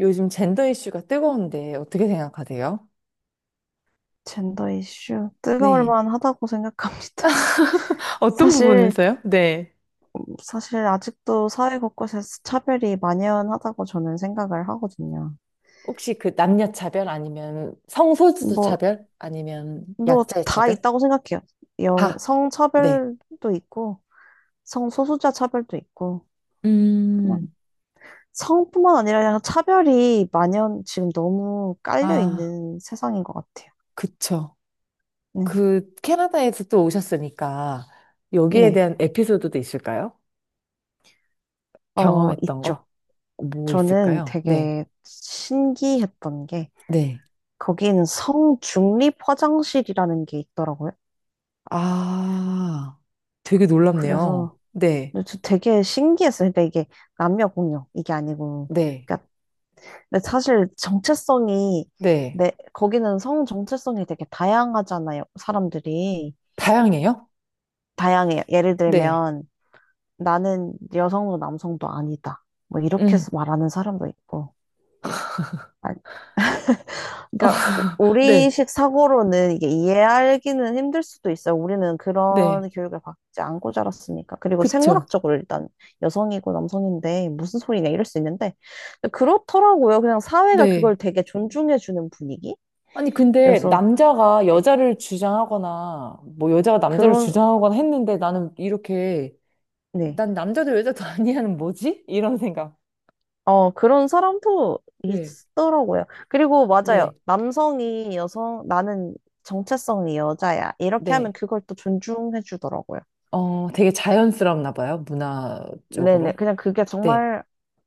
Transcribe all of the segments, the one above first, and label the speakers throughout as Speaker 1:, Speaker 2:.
Speaker 1: 요즘 젠더 이슈가 뜨거운데 어떻게 생각하세요?
Speaker 2: 젠더 이슈 뜨거울
Speaker 1: 네.
Speaker 2: 만하다고 생각합니다.
Speaker 1: 어떤
Speaker 2: 사실
Speaker 1: 부분에서요? 네.
Speaker 2: 사실 아직도 사회 곳곳에서 차별이 만연하다고 저는 생각을 하거든요.
Speaker 1: 혹시 그 남녀 차별 아니면 성소수자
Speaker 2: 뭐
Speaker 1: 차별 아니면
Speaker 2: 뭐
Speaker 1: 약자의
Speaker 2: 다
Speaker 1: 차별?
Speaker 2: 있다고 생각해요. 영
Speaker 1: 다. 네.
Speaker 2: 성차별도 있고 성소수자 차별도 있고 그냥
Speaker 1: 음,
Speaker 2: 성뿐만 아니라 그냥 차별이 만연 지금 너무 깔려
Speaker 1: 아,
Speaker 2: 있는 세상인 것 같아요.
Speaker 1: 그쵸.
Speaker 2: 네.
Speaker 1: 그 캐나다에서 또 오셨으니까 여기에
Speaker 2: 네.
Speaker 1: 대한 에피소드도 있을까요?
Speaker 2: 어,
Speaker 1: 경험했던 거?
Speaker 2: 있죠.
Speaker 1: 뭐
Speaker 2: 저는
Speaker 1: 있을까요? 네.
Speaker 2: 되게 신기했던 게
Speaker 1: 네.
Speaker 2: 거긴 성중립 화장실이라는 게 있더라고요.
Speaker 1: 아, 되게 놀랍네요.
Speaker 2: 그래서
Speaker 1: 네.
Speaker 2: 근데 저 되게 신기했어요. 근데 이게 남녀 공용 이게 아니고,
Speaker 1: 네.
Speaker 2: 그러니까 근데 사실 정체성이
Speaker 1: 네.
Speaker 2: 내 거기는 성 정체성이 되게 다양하잖아요. 사람들이
Speaker 1: 다양해요?
Speaker 2: 다양해요. 예를
Speaker 1: 네.
Speaker 2: 들면 나는 여성도 남성도 아니다. 뭐 이렇게
Speaker 1: 응.
Speaker 2: 해서 말하는 사람도 있고, 그러니까 리
Speaker 1: 네,
Speaker 2: 식 사고로는 이게 이해하기는 힘들 수도 있어요. 우리는
Speaker 1: 네.
Speaker 2: 그런 교육을 받지 않고 자랐으니까. 그리고
Speaker 1: 그쵸.
Speaker 2: 생물학적으로 일단 여성이고 남성인데 무슨 소리냐 이럴 수 있는데 데 그렇더라고요. 그냥 사회가 그걸
Speaker 1: 네.
Speaker 2: 되게 존중해주는 분위기여서
Speaker 1: 아니, 근데 남자가
Speaker 2: 네.
Speaker 1: 여자를 주장하거나, 뭐 여자가 남자를
Speaker 2: 그런
Speaker 1: 주장하거나 했는데 나는 이렇게,
Speaker 2: 네.
Speaker 1: 난 남자도 여자도 아니야는 뭐지? 이런 생각.
Speaker 2: 어, 그런 사람도
Speaker 1: 네,
Speaker 2: 있더라고요. 그리고 맞아요.
Speaker 1: 네,
Speaker 2: 남성이 여성, 나는 정체성이 여자야. 이렇게 하면
Speaker 1: 네.
Speaker 2: 그걸 또 존중해주더라고요.
Speaker 1: 어, 되게 자연스럽나 봐요,
Speaker 2: 네네.
Speaker 1: 문화적으로.
Speaker 2: 그냥 그게
Speaker 1: 네.
Speaker 2: 정말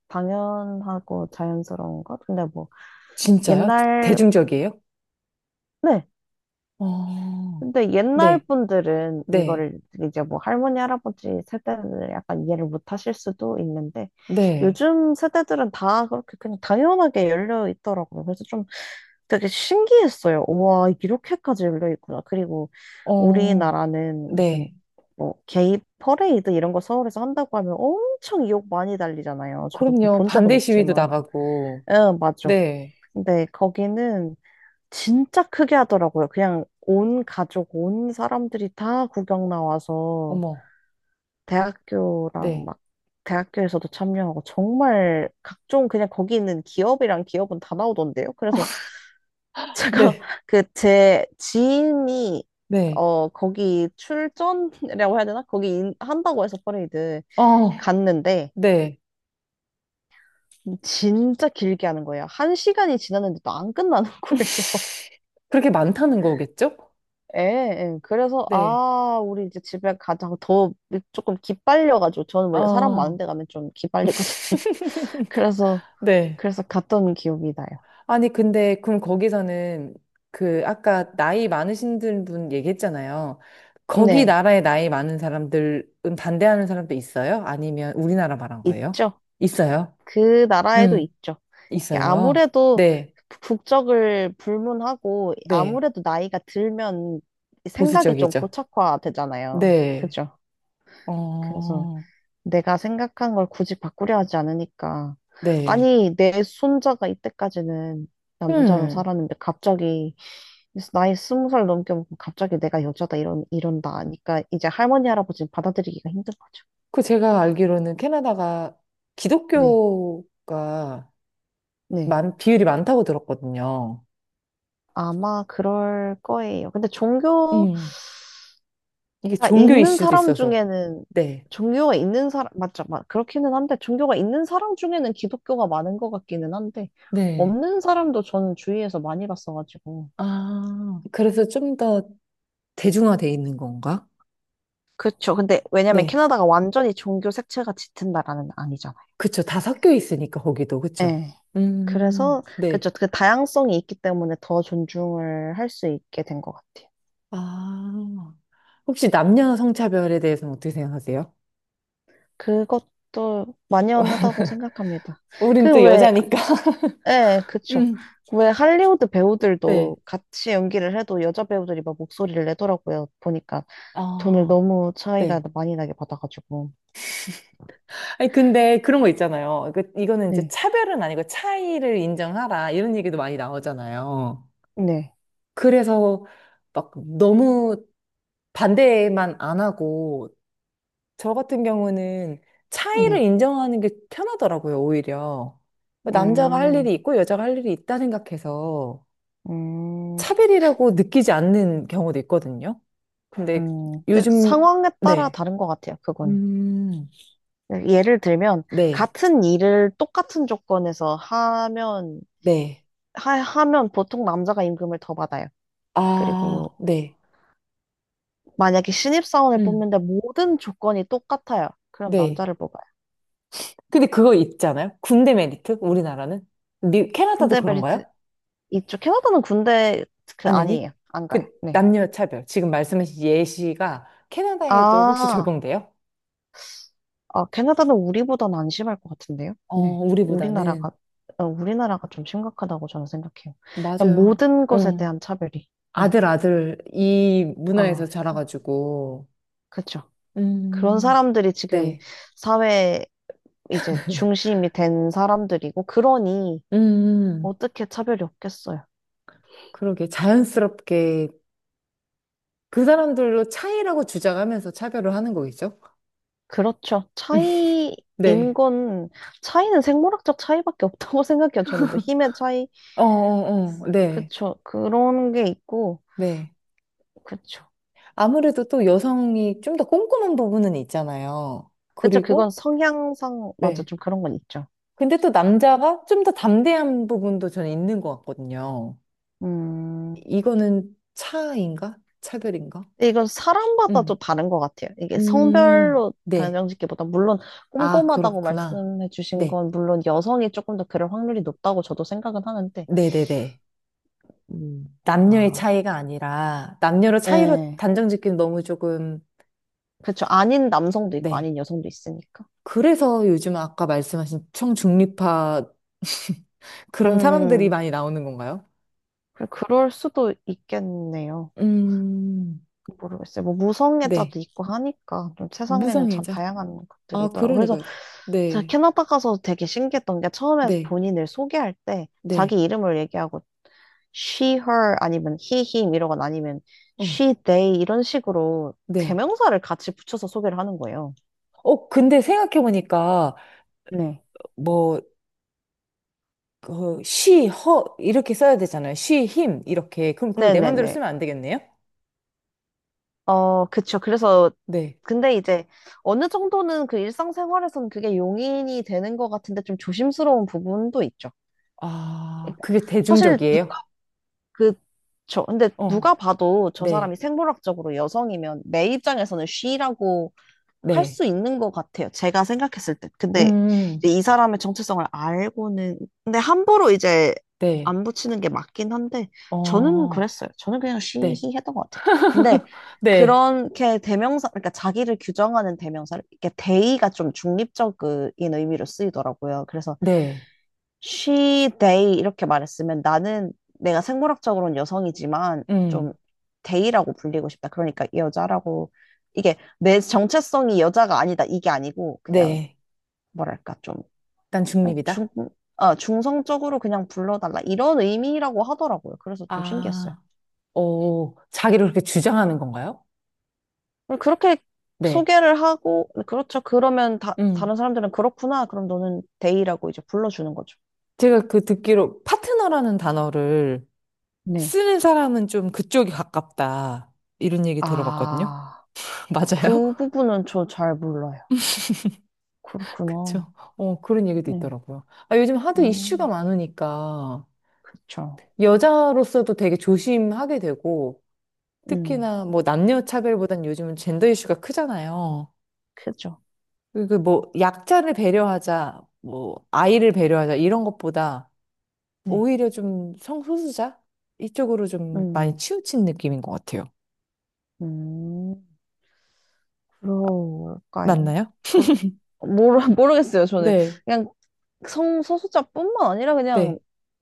Speaker 2: 당연하고 자연스러운 것? 근데 뭐,
Speaker 1: 진짜요?
Speaker 2: 옛날,
Speaker 1: 대중적이에요?
Speaker 2: 네.
Speaker 1: 어,
Speaker 2: 근데 옛날
Speaker 1: 네,
Speaker 2: 분들은
Speaker 1: 네,
Speaker 2: 이거를 이제 뭐 할머니, 할아버지 세대은 약간 이해를 못 하실 수도 있는데,
Speaker 1: 네.
Speaker 2: 요즘 세대들은 다 그렇게 그냥 당연하게 열려 있더라고요. 그래서 좀 되게 신기했어요. 와, 이렇게까지 열려 있구나. 그리고
Speaker 1: 어,
Speaker 2: 우리나라는 무슨
Speaker 1: 네.
Speaker 2: 뭐 게이 퍼레이드 이런 거 서울에서 한다고 하면 엄청 욕 많이 달리잖아요. 저도
Speaker 1: 그럼요.
Speaker 2: 본 적은
Speaker 1: 반대 시위도
Speaker 2: 없지만.
Speaker 1: 나가고,
Speaker 2: 응, 맞아.
Speaker 1: 네.
Speaker 2: 근데 거기는 진짜 크게 하더라고요. 그냥 온 가족, 온 사람들이 다 구경 나와서
Speaker 1: 어머,
Speaker 2: 대학교랑
Speaker 1: 네,
Speaker 2: 막 대학교에서도 참여하고 정말 각종 그냥 거기 있는 기업이랑 기업은 다 나오던데요. 그래서 제가
Speaker 1: 네,
Speaker 2: 그 제 지인이
Speaker 1: 네,
Speaker 2: 어 거기 출전이라고 해야 되나? 거기 한다고 해서 퍼레이드
Speaker 1: 어,
Speaker 2: 갔는데
Speaker 1: 네.
Speaker 2: 진짜 길게 하는 거예요. 한 시간이 지났는데도 안 끝나는 거예요.
Speaker 1: 그렇게 많다는 거겠죠?
Speaker 2: 예, 예. 그래서,
Speaker 1: 네,
Speaker 2: 아, 우리 이제 집에 가자고 더 조금 기빨려가지고, 저는 원래 사람 많은
Speaker 1: 어,
Speaker 2: 데 가면 좀 기빨리거든요. 그래서,
Speaker 1: 네.
Speaker 2: 그래서 갔던 기억이 나요.
Speaker 1: 아니, 근데, 그럼 거기서는 그, 아까 나이 많으신 분 얘기했잖아요. 거기
Speaker 2: 네,
Speaker 1: 나라에 나이 많은 사람들은 반대하는 사람도 있어요? 아니면 우리나라 말한 거예요?
Speaker 2: 있죠.
Speaker 1: 있어요?
Speaker 2: 그 나라에도
Speaker 1: 음,
Speaker 2: 있죠. 이게
Speaker 1: 있어요.
Speaker 2: 아무래도
Speaker 1: 네,
Speaker 2: 국적을 불문하고,
Speaker 1: 네.
Speaker 2: 아무래도 나이가 들면 생각이 좀
Speaker 1: 보수적이죠.
Speaker 2: 고착화되잖아요.
Speaker 1: 네,
Speaker 2: 그죠? 그래서
Speaker 1: 어,
Speaker 2: 내가 생각한 걸 굳이 바꾸려 하지 않으니까.
Speaker 1: 네.
Speaker 2: 아니, 내 손자가 이때까지는 남자로
Speaker 1: 음.
Speaker 2: 살았는데 갑자기 나이 20살 넘게 먹고 갑자기 내가 여자다 이런다 하니까 이제 할머니 할아버지는 받아들이기가 힘든 거죠.
Speaker 1: 그 제가 알기로는 캐나다가
Speaker 2: 네,
Speaker 1: 기독교가
Speaker 2: 네.
Speaker 1: 많, 비율이 많다고 들었거든요.
Speaker 2: 아마 그럴 거예요. 근데 종교가
Speaker 1: 음, 이게 종교
Speaker 2: 있는
Speaker 1: 이슈도
Speaker 2: 사람
Speaker 1: 있어서.
Speaker 2: 중에는
Speaker 1: 네.
Speaker 2: 종교가 있는 사람 맞죠? 그렇기는 한데 종교가 있는 사람 중에는 기독교가 많은 것 같기는 한데
Speaker 1: 네.
Speaker 2: 없는 사람도 저는 주위에서 많이 봤어가지고.
Speaker 1: 아, 그래서 좀 더 대중화돼 있는 건가?
Speaker 2: 그쵸. 근데 왜냐면
Speaker 1: 네.
Speaker 2: 캐나다가 완전히 종교 색채가 짙은 나라는 아니잖아요.
Speaker 1: 그쵸. 다 섞여 있으니까, 거기도. 그쵸.
Speaker 2: 네. 그래서
Speaker 1: 네.
Speaker 2: 그쵸. 그 다양성이 있기 때문에 더 존중을 할 수 있게 된 것 같아요.
Speaker 1: 아. 혹시 남녀 성차별에 대해서는 어떻게 생각하세요?
Speaker 2: 그것도 만연하다고 생각합니다.
Speaker 1: 우린
Speaker 2: 그
Speaker 1: 또
Speaker 2: 왜,
Speaker 1: 여자니까.
Speaker 2: 예, 그쵸.
Speaker 1: 음.
Speaker 2: 왜 할리우드
Speaker 1: 네.
Speaker 2: 배우들도 같이 연기를 해도 여자 배우들이 막 목소리를 내더라고요. 보니까 돈을
Speaker 1: 아,
Speaker 2: 너무 차이가
Speaker 1: 네.
Speaker 2: 많이 나게 받아가지고.
Speaker 1: 아니, 근데 그런 거 있잖아요. 이거는 이제
Speaker 2: 네.
Speaker 1: 차별은 아니고 차이를 인정하라. 이런 얘기도 많이 나오잖아요.
Speaker 2: 네.
Speaker 1: 그래서 막 너무 반대만 안 하고, 저 같은 경우는 차이를
Speaker 2: 네.
Speaker 1: 인정하는 게 편하더라고요, 오히려. 남자가 할
Speaker 2: 음,
Speaker 1: 일이 있고 여자가 할 일이 있다 생각해서
Speaker 2: 음.
Speaker 1: 차별이라고 느끼지 않는 경우도 있거든요. 근데
Speaker 2: 그
Speaker 1: 요즘,
Speaker 2: 상황에 따라
Speaker 1: 네.
Speaker 2: 다른 것 같아요, 그거는.
Speaker 1: 음,
Speaker 2: 예를 들면,
Speaker 1: 네,
Speaker 2: 같은 일을 똑같은 조건에서 하면,
Speaker 1: 네.
Speaker 2: 하면 보통 남자가 임금을 더 받아요. 그리고
Speaker 1: 아, 네.
Speaker 2: 만약에 신입사원을
Speaker 1: 음,
Speaker 2: 뽑는데 모든 조건이 똑같아요. 그럼
Speaker 1: 네.
Speaker 2: 남자를 뽑아요.
Speaker 1: 근데 그거 있잖아요. 군대 메리트? 우리나라는? 미, 캐나다도
Speaker 2: 군대
Speaker 1: 그런가요?
Speaker 2: 벨트, 이쪽 캐나다는 군대, 그,
Speaker 1: 아니, 아니.
Speaker 2: 아니에요. 안 가요.
Speaker 1: 그
Speaker 2: 네.
Speaker 1: 남녀 차별. 지금 말씀하신 예시가 캐나다에도 혹시
Speaker 2: 아,
Speaker 1: 적용돼요?
Speaker 2: 캐나다는 우리보다는 안 심할 것 같은데요?
Speaker 1: 어,
Speaker 2: 네.
Speaker 1: 우리보다는.
Speaker 2: 우리나라가, 어, 우리나라가 좀 심각하다고 저는 생각해요. 그냥
Speaker 1: 맞아요.
Speaker 2: 모든 것에
Speaker 1: 응.
Speaker 2: 대한 차별이. 네.
Speaker 1: 아들, 아들, 이 문화에서
Speaker 2: 아,
Speaker 1: 자라가지고,
Speaker 2: 그렇죠. 그런
Speaker 1: 음,
Speaker 2: 사람들이 지금
Speaker 1: 네.
Speaker 2: 사회 이제 중심이 된 사람들이고, 그러니
Speaker 1: 음,
Speaker 2: 어떻게 차별이 없겠어요.
Speaker 1: 그러게. 자연스럽게 그 사람들로 차이라고 주장하면서 차별을 하는 거겠죠?
Speaker 2: 그렇죠. 차이인
Speaker 1: 네.
Speaker 2: 건, 차이는 생물학적 차이밖에 없다고 생각해요. 저는 뭐 힘의 차이,
Speaker 1: 어, 어, 어. 네.
Speaker 2: 그쵸. 그런 게 있고,
Speaker 1: 네.
Speaker 2: 그쵸.
Speaker 1: 아무래도 또 여성이 좀 더 꼼꼼한 부분은 있잖아요.
Speaker 2: 그쵸, 그건
Speaker 1: 그리고,
Speaker 2: 성향상, 맞아,
Speaker 1: 예.
Speaker 2: 좀 그런 건 있죠.
Speaker 1: 근데 또 남자가 좀 더 담대한 부분도 저는 있는 것 같거든요.
Speaker 2: 음,
Speaker 1: 이거는 차인가? 차별인가?
Speaker 2: 근데 이건 사람마다 좀
Speaker 1: 음.
Speaker 2: 다른 것 같아요. 이게 성별로
Speaker 1: 네.
Speaker 2: 단정짓기보다, 물론
Speaker 1: 아,
Speaker 2: 꼼꼼하다고
Speaker 1: 그렇구나.
Speaker 2: 말씀해 주신
Speaker 1: 네.
Speaker 2: 건, 물론 여성이 조금 더 그럴 확률이 높다고 저도 생각은 하는데,
Speaker 1: 네네네.
Speaker 2: 음.
Speaker 1: 남녀의
Speaker 2: 아,
Speaker 1: 차이가 아니라, 남녀로 차이로
Speaker 2: 예.
Speaker 1: 단정 짓기는 너무 조금,
Speaker 2: 그쵸, 아닌 남성도 있고,
Speaker 1: 네.
Speaker 2: 아닌 여성도 있으니까.
Speaker 1: 그래서 요즘 아까 말씀하신 청중립파
Speaker 2: 음,
Speaker 1: 그런 사람들이
Speaker 2: 음, 음.
Speaker 1: 많이 나오는 건가요?
Speaker 2: 그래, 그럴 수도 있겠네요.
Speaker 1: 음,
Speaker 2: 모르겠어요. 뭐
Speaker 1: 네.
Speaker 2: 무성애자도 있고 하니까 좀 세상에는 참
Speaker 1: 무성애자.
Speaker 2: 다양한 것들이
Speaker 1: 아,
Speaker 2: 있더라고요.
Speaker 1: 그러네.
Speaker 2: 그래서
Speaker 1: 그,
Speaker 2: 제가
Speaker 1: 네,
Speaker 2: 캐나다 가서 되게 신기했던 게 처음에
Speaker 1: 네,
Speaker 2: 본인을 소개할 때
Speaker 1: 네,
Speaker 2: 자기 이름을 얘기하고 she, her 아니면 he, him 이러거나 아니면
Speaker 1: 어,
Speaker 2: she, they 이런 식으로
Speaker 1: 네.
Speaker 2: 대명사를 같이 붙여서 소개를 하는 거예요.
Speaker 1: 어, 근데 생각해보니까,
Speaker 2: 네.
Speaker 1: 뭐, 그, she, her, 이렇게 써야 되잖아요. she, him, 이렇게. 그럼 그걸 내 맘대로
Speaker 2: 네네네.
Speaker 1: 쓰면 안 되겠네요?
Speaker 2: 어, 그쵸. 그래서,
Speaker 1: 네.
Speaker 2: 근데 이제 어느 정도는 그 일상생활에서는 그게 용인이 되는 것 같은데 좀 조심스러운 부분도 있죠.
Speaker 1: 아,
Speaker 2: 그러니까
Speaker 1: 그게
Speaker 2: 사실
Speaker 1: 대중적이에요?
Speaker 2: 그쵸. 근데 누가
Speaker 1: 어,
Speaker 2: 봐도 저 사람이
Speaker 1: 네,
Speaker 2: 생물학적으로 여성이면 내 입장에서는 쉬라고 할
Speaker 1: 네.
Speaker 2: 수 있는 것 같아요. 제가 생각했을 때. 근데
Speaker 1: 음,
Speaker 2: 이제 이 사람의 정체성을 알고는, 근데 함부로 이제
Speaker 1: 네,
Speaker 2: 안 붙이는 게 맞긴 한데, 저는
Speaker 1: 어,
Speaker 2: 그랬어요. 저는 그냥 쉬히
Speaker 1: 네,
Speaker 2: 했던 것 같아요. 근데
Speaker 1: 네,
Speaker 2: 그렇게 대명사, 그러니까 자기를 규정하는 대명사를, 이렇게 대의가 좀 중립적인 의미로 쓰이더라고요. 그래서
Speaker 1: 네,
Speaker 2: she, they 이렇게 말했으면 나는 내가 생물학적으로는 여성이지만 좀
Speaker 1: 음,
Speaker 2: they라고 불리고 싶다. 그러니까 이 여자라고 이게 내 정체성이 여자가 아니다. 이게 아니고 그냥
Speaker 1: 네.
Speaker 2: 뭐랄까 좀
Speaker 1: 난
Speaker 2: 그냥 중,
Speaker 1: 중립이다.
Speaker 2: 아, 중성적으로 그냥 불러달라. 이런 의미라고 하더라고요. 그래서 좀 신기했어요.
Speaker 1: 아, 오, 자기를 그렇게 주장하는 건가요?
Speaker 2: 그렇게
Speaker 1: 네.
Speaker 2: 소개를 하고 그렇죠. 그러면 다,
Speaker 1: 음.
Speaker 2: 다른 사람들은 그렇구나. 그럼 너는 they라고 이제 불러주는 거죠.
Speaker 1: 제가 그 듣기로 파트너라는 단어를
Speaker 2: 네.
Speaker 1: 쓰는 사람은 좀 그쪽이 가깝다. 이런 얘기 들어봤거든요.
Speaker 2: 아,
Speaker 1: 맞아요?
Speaker 2: 그 부분은 저 잘 몰라요. 그렇구나.
Speaker 1: 그쵸. 어, 그런 얘기도
Speaker 2: 네.
Speaker 1: 있더라고요. 아, 요즘 하도 이슈가
Speaker 2: 음,
Speaker 1: 많으니까
Speaker 2: 그쵸.
Speaker 1: 여자로서도 되게 조심하게 되고
Speaker 2: 음,
Speaker 1: 특히나 뭐 남녀 차별보단 요즘은 젠더 이슈가 크잖아요.
Speaker 2: 크죠.
Speaker 1: 그리고 뭐 약자를 배려하자, 뭐 아이를 배려하자 이런 것보다
Speaker 2: 네.
Speaker 1: 오히려 좀 성소수자? 이쪽으로 좀 많이
Speaker 2: 음,
Speaker 1: 치우친 느낌인 것 같아요.
Speaker 2: 음, 그럴까요?
Speaker 1: 맞나요?
Speaker 2: 그 모르겠어요, 저는.
Speaker 1: 네,
Speaker 2: 그냥 성소수자뿐만 아니라 그냥
Speaker 1: 네.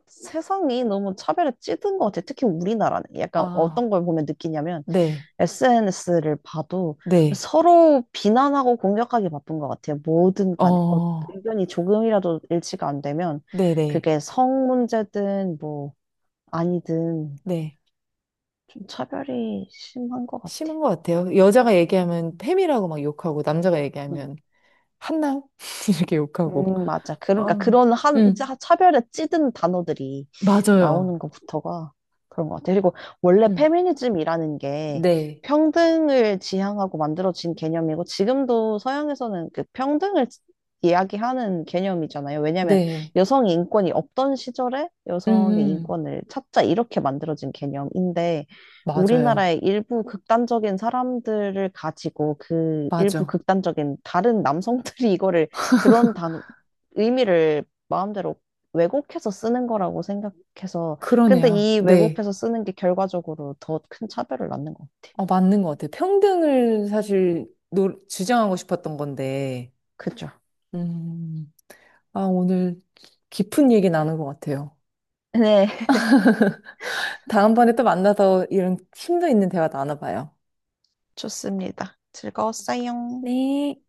Speaker 2: 세상이 너무 차별에 찌든 것 같아요. 특히 우리나라는. 약간
Speaker 1: 아,
Speaker 2: 어떤 걸 보면 느끼냐면
Speaker 1: 네,
Speaker 2: SNS를 봐도
Speaker 1: 네.
Speaker 2: 서로 비난하고 공격하기 바쁜 것 같아요. 뭐든 간에. 어,
Speaker 1: 어,
Speaker 2: 의견이 조금이라도 일치가 안 되면
Speaker 1: 네네,
Speaker 2: 그게 성 문제든 뭐 아니든
Speaker 1: 네.
Speaker 2: 좀 차별이 심한 것 같아.
Speaker 1: 심한 것 같아요. 여자가 얘기하면 팸이라고 막 욕하고, 남자가
Speaker 2: 응.
Speaker 1: 얘기하면 한남? 이렇게 욕하고.
Speaker 2: 맞아. 그러니까
Speaker 1: 어,
Speaker 2: 그런 한,
Speaker 1: 음,
Speaker 2: 차별에 찌든 단어들이
Speaker 1: 맞아요.
Speaker 2: 나오는 것부터가 그런 것 같아. 그리고 원래
Speaker 1: 음,
Speaker 2: 페미니즘이라는 게
Speaker 1: 네,
Speaker 2: 평등을 지향하고 만들어진 개념이고 지금도 서양에서는 그 평등을 이야기하는 개념이잖아요. 왜냐하면
Speaker 1: 네.
Speaker 2: 여성의 인권이 없던 시절에
Speaker 1: 음,
Speaker 2: 여성의
Speaker 1: 음,
Speaker 2: 인권을 찾자 이렇게 만들어진 개념인데
Speaker 1: 맞아요.
Speaker 2: 우리나라의 일부 극단적인 사람들을 가지고 그 일부
Speaker 1: 맞아.
Speaker 2: 극단적인 다른 남성들이 이거를 그런 단어, 의미를 마음대로 왜곡해서 쓰는 거라고 생각해서, 근데
Speaker 1: 그러네요.
Speaker 2: 이
Speaker 1: 네.
Speaker 2: 왜곡해서 쓰는 게 결과적으로 더 큰 차별을 낳는 거.
Speaker 1: 어, 맞는 것 같아요. 평등을 사실 노, 주장하고 싶었던 건데,
Speaker 2: 그죠?
Speaker 1: 음, 아, 오늘 깊은 얘기 나눈 것 같아요.
Speaker 2: 네,
Speaker 1: 다음번에 또 만나서 이런 힘도 있는 대화 나눠봐요.
Speaker 2: 좋습니다. 즐거웠어요.
Speaker 1: 네.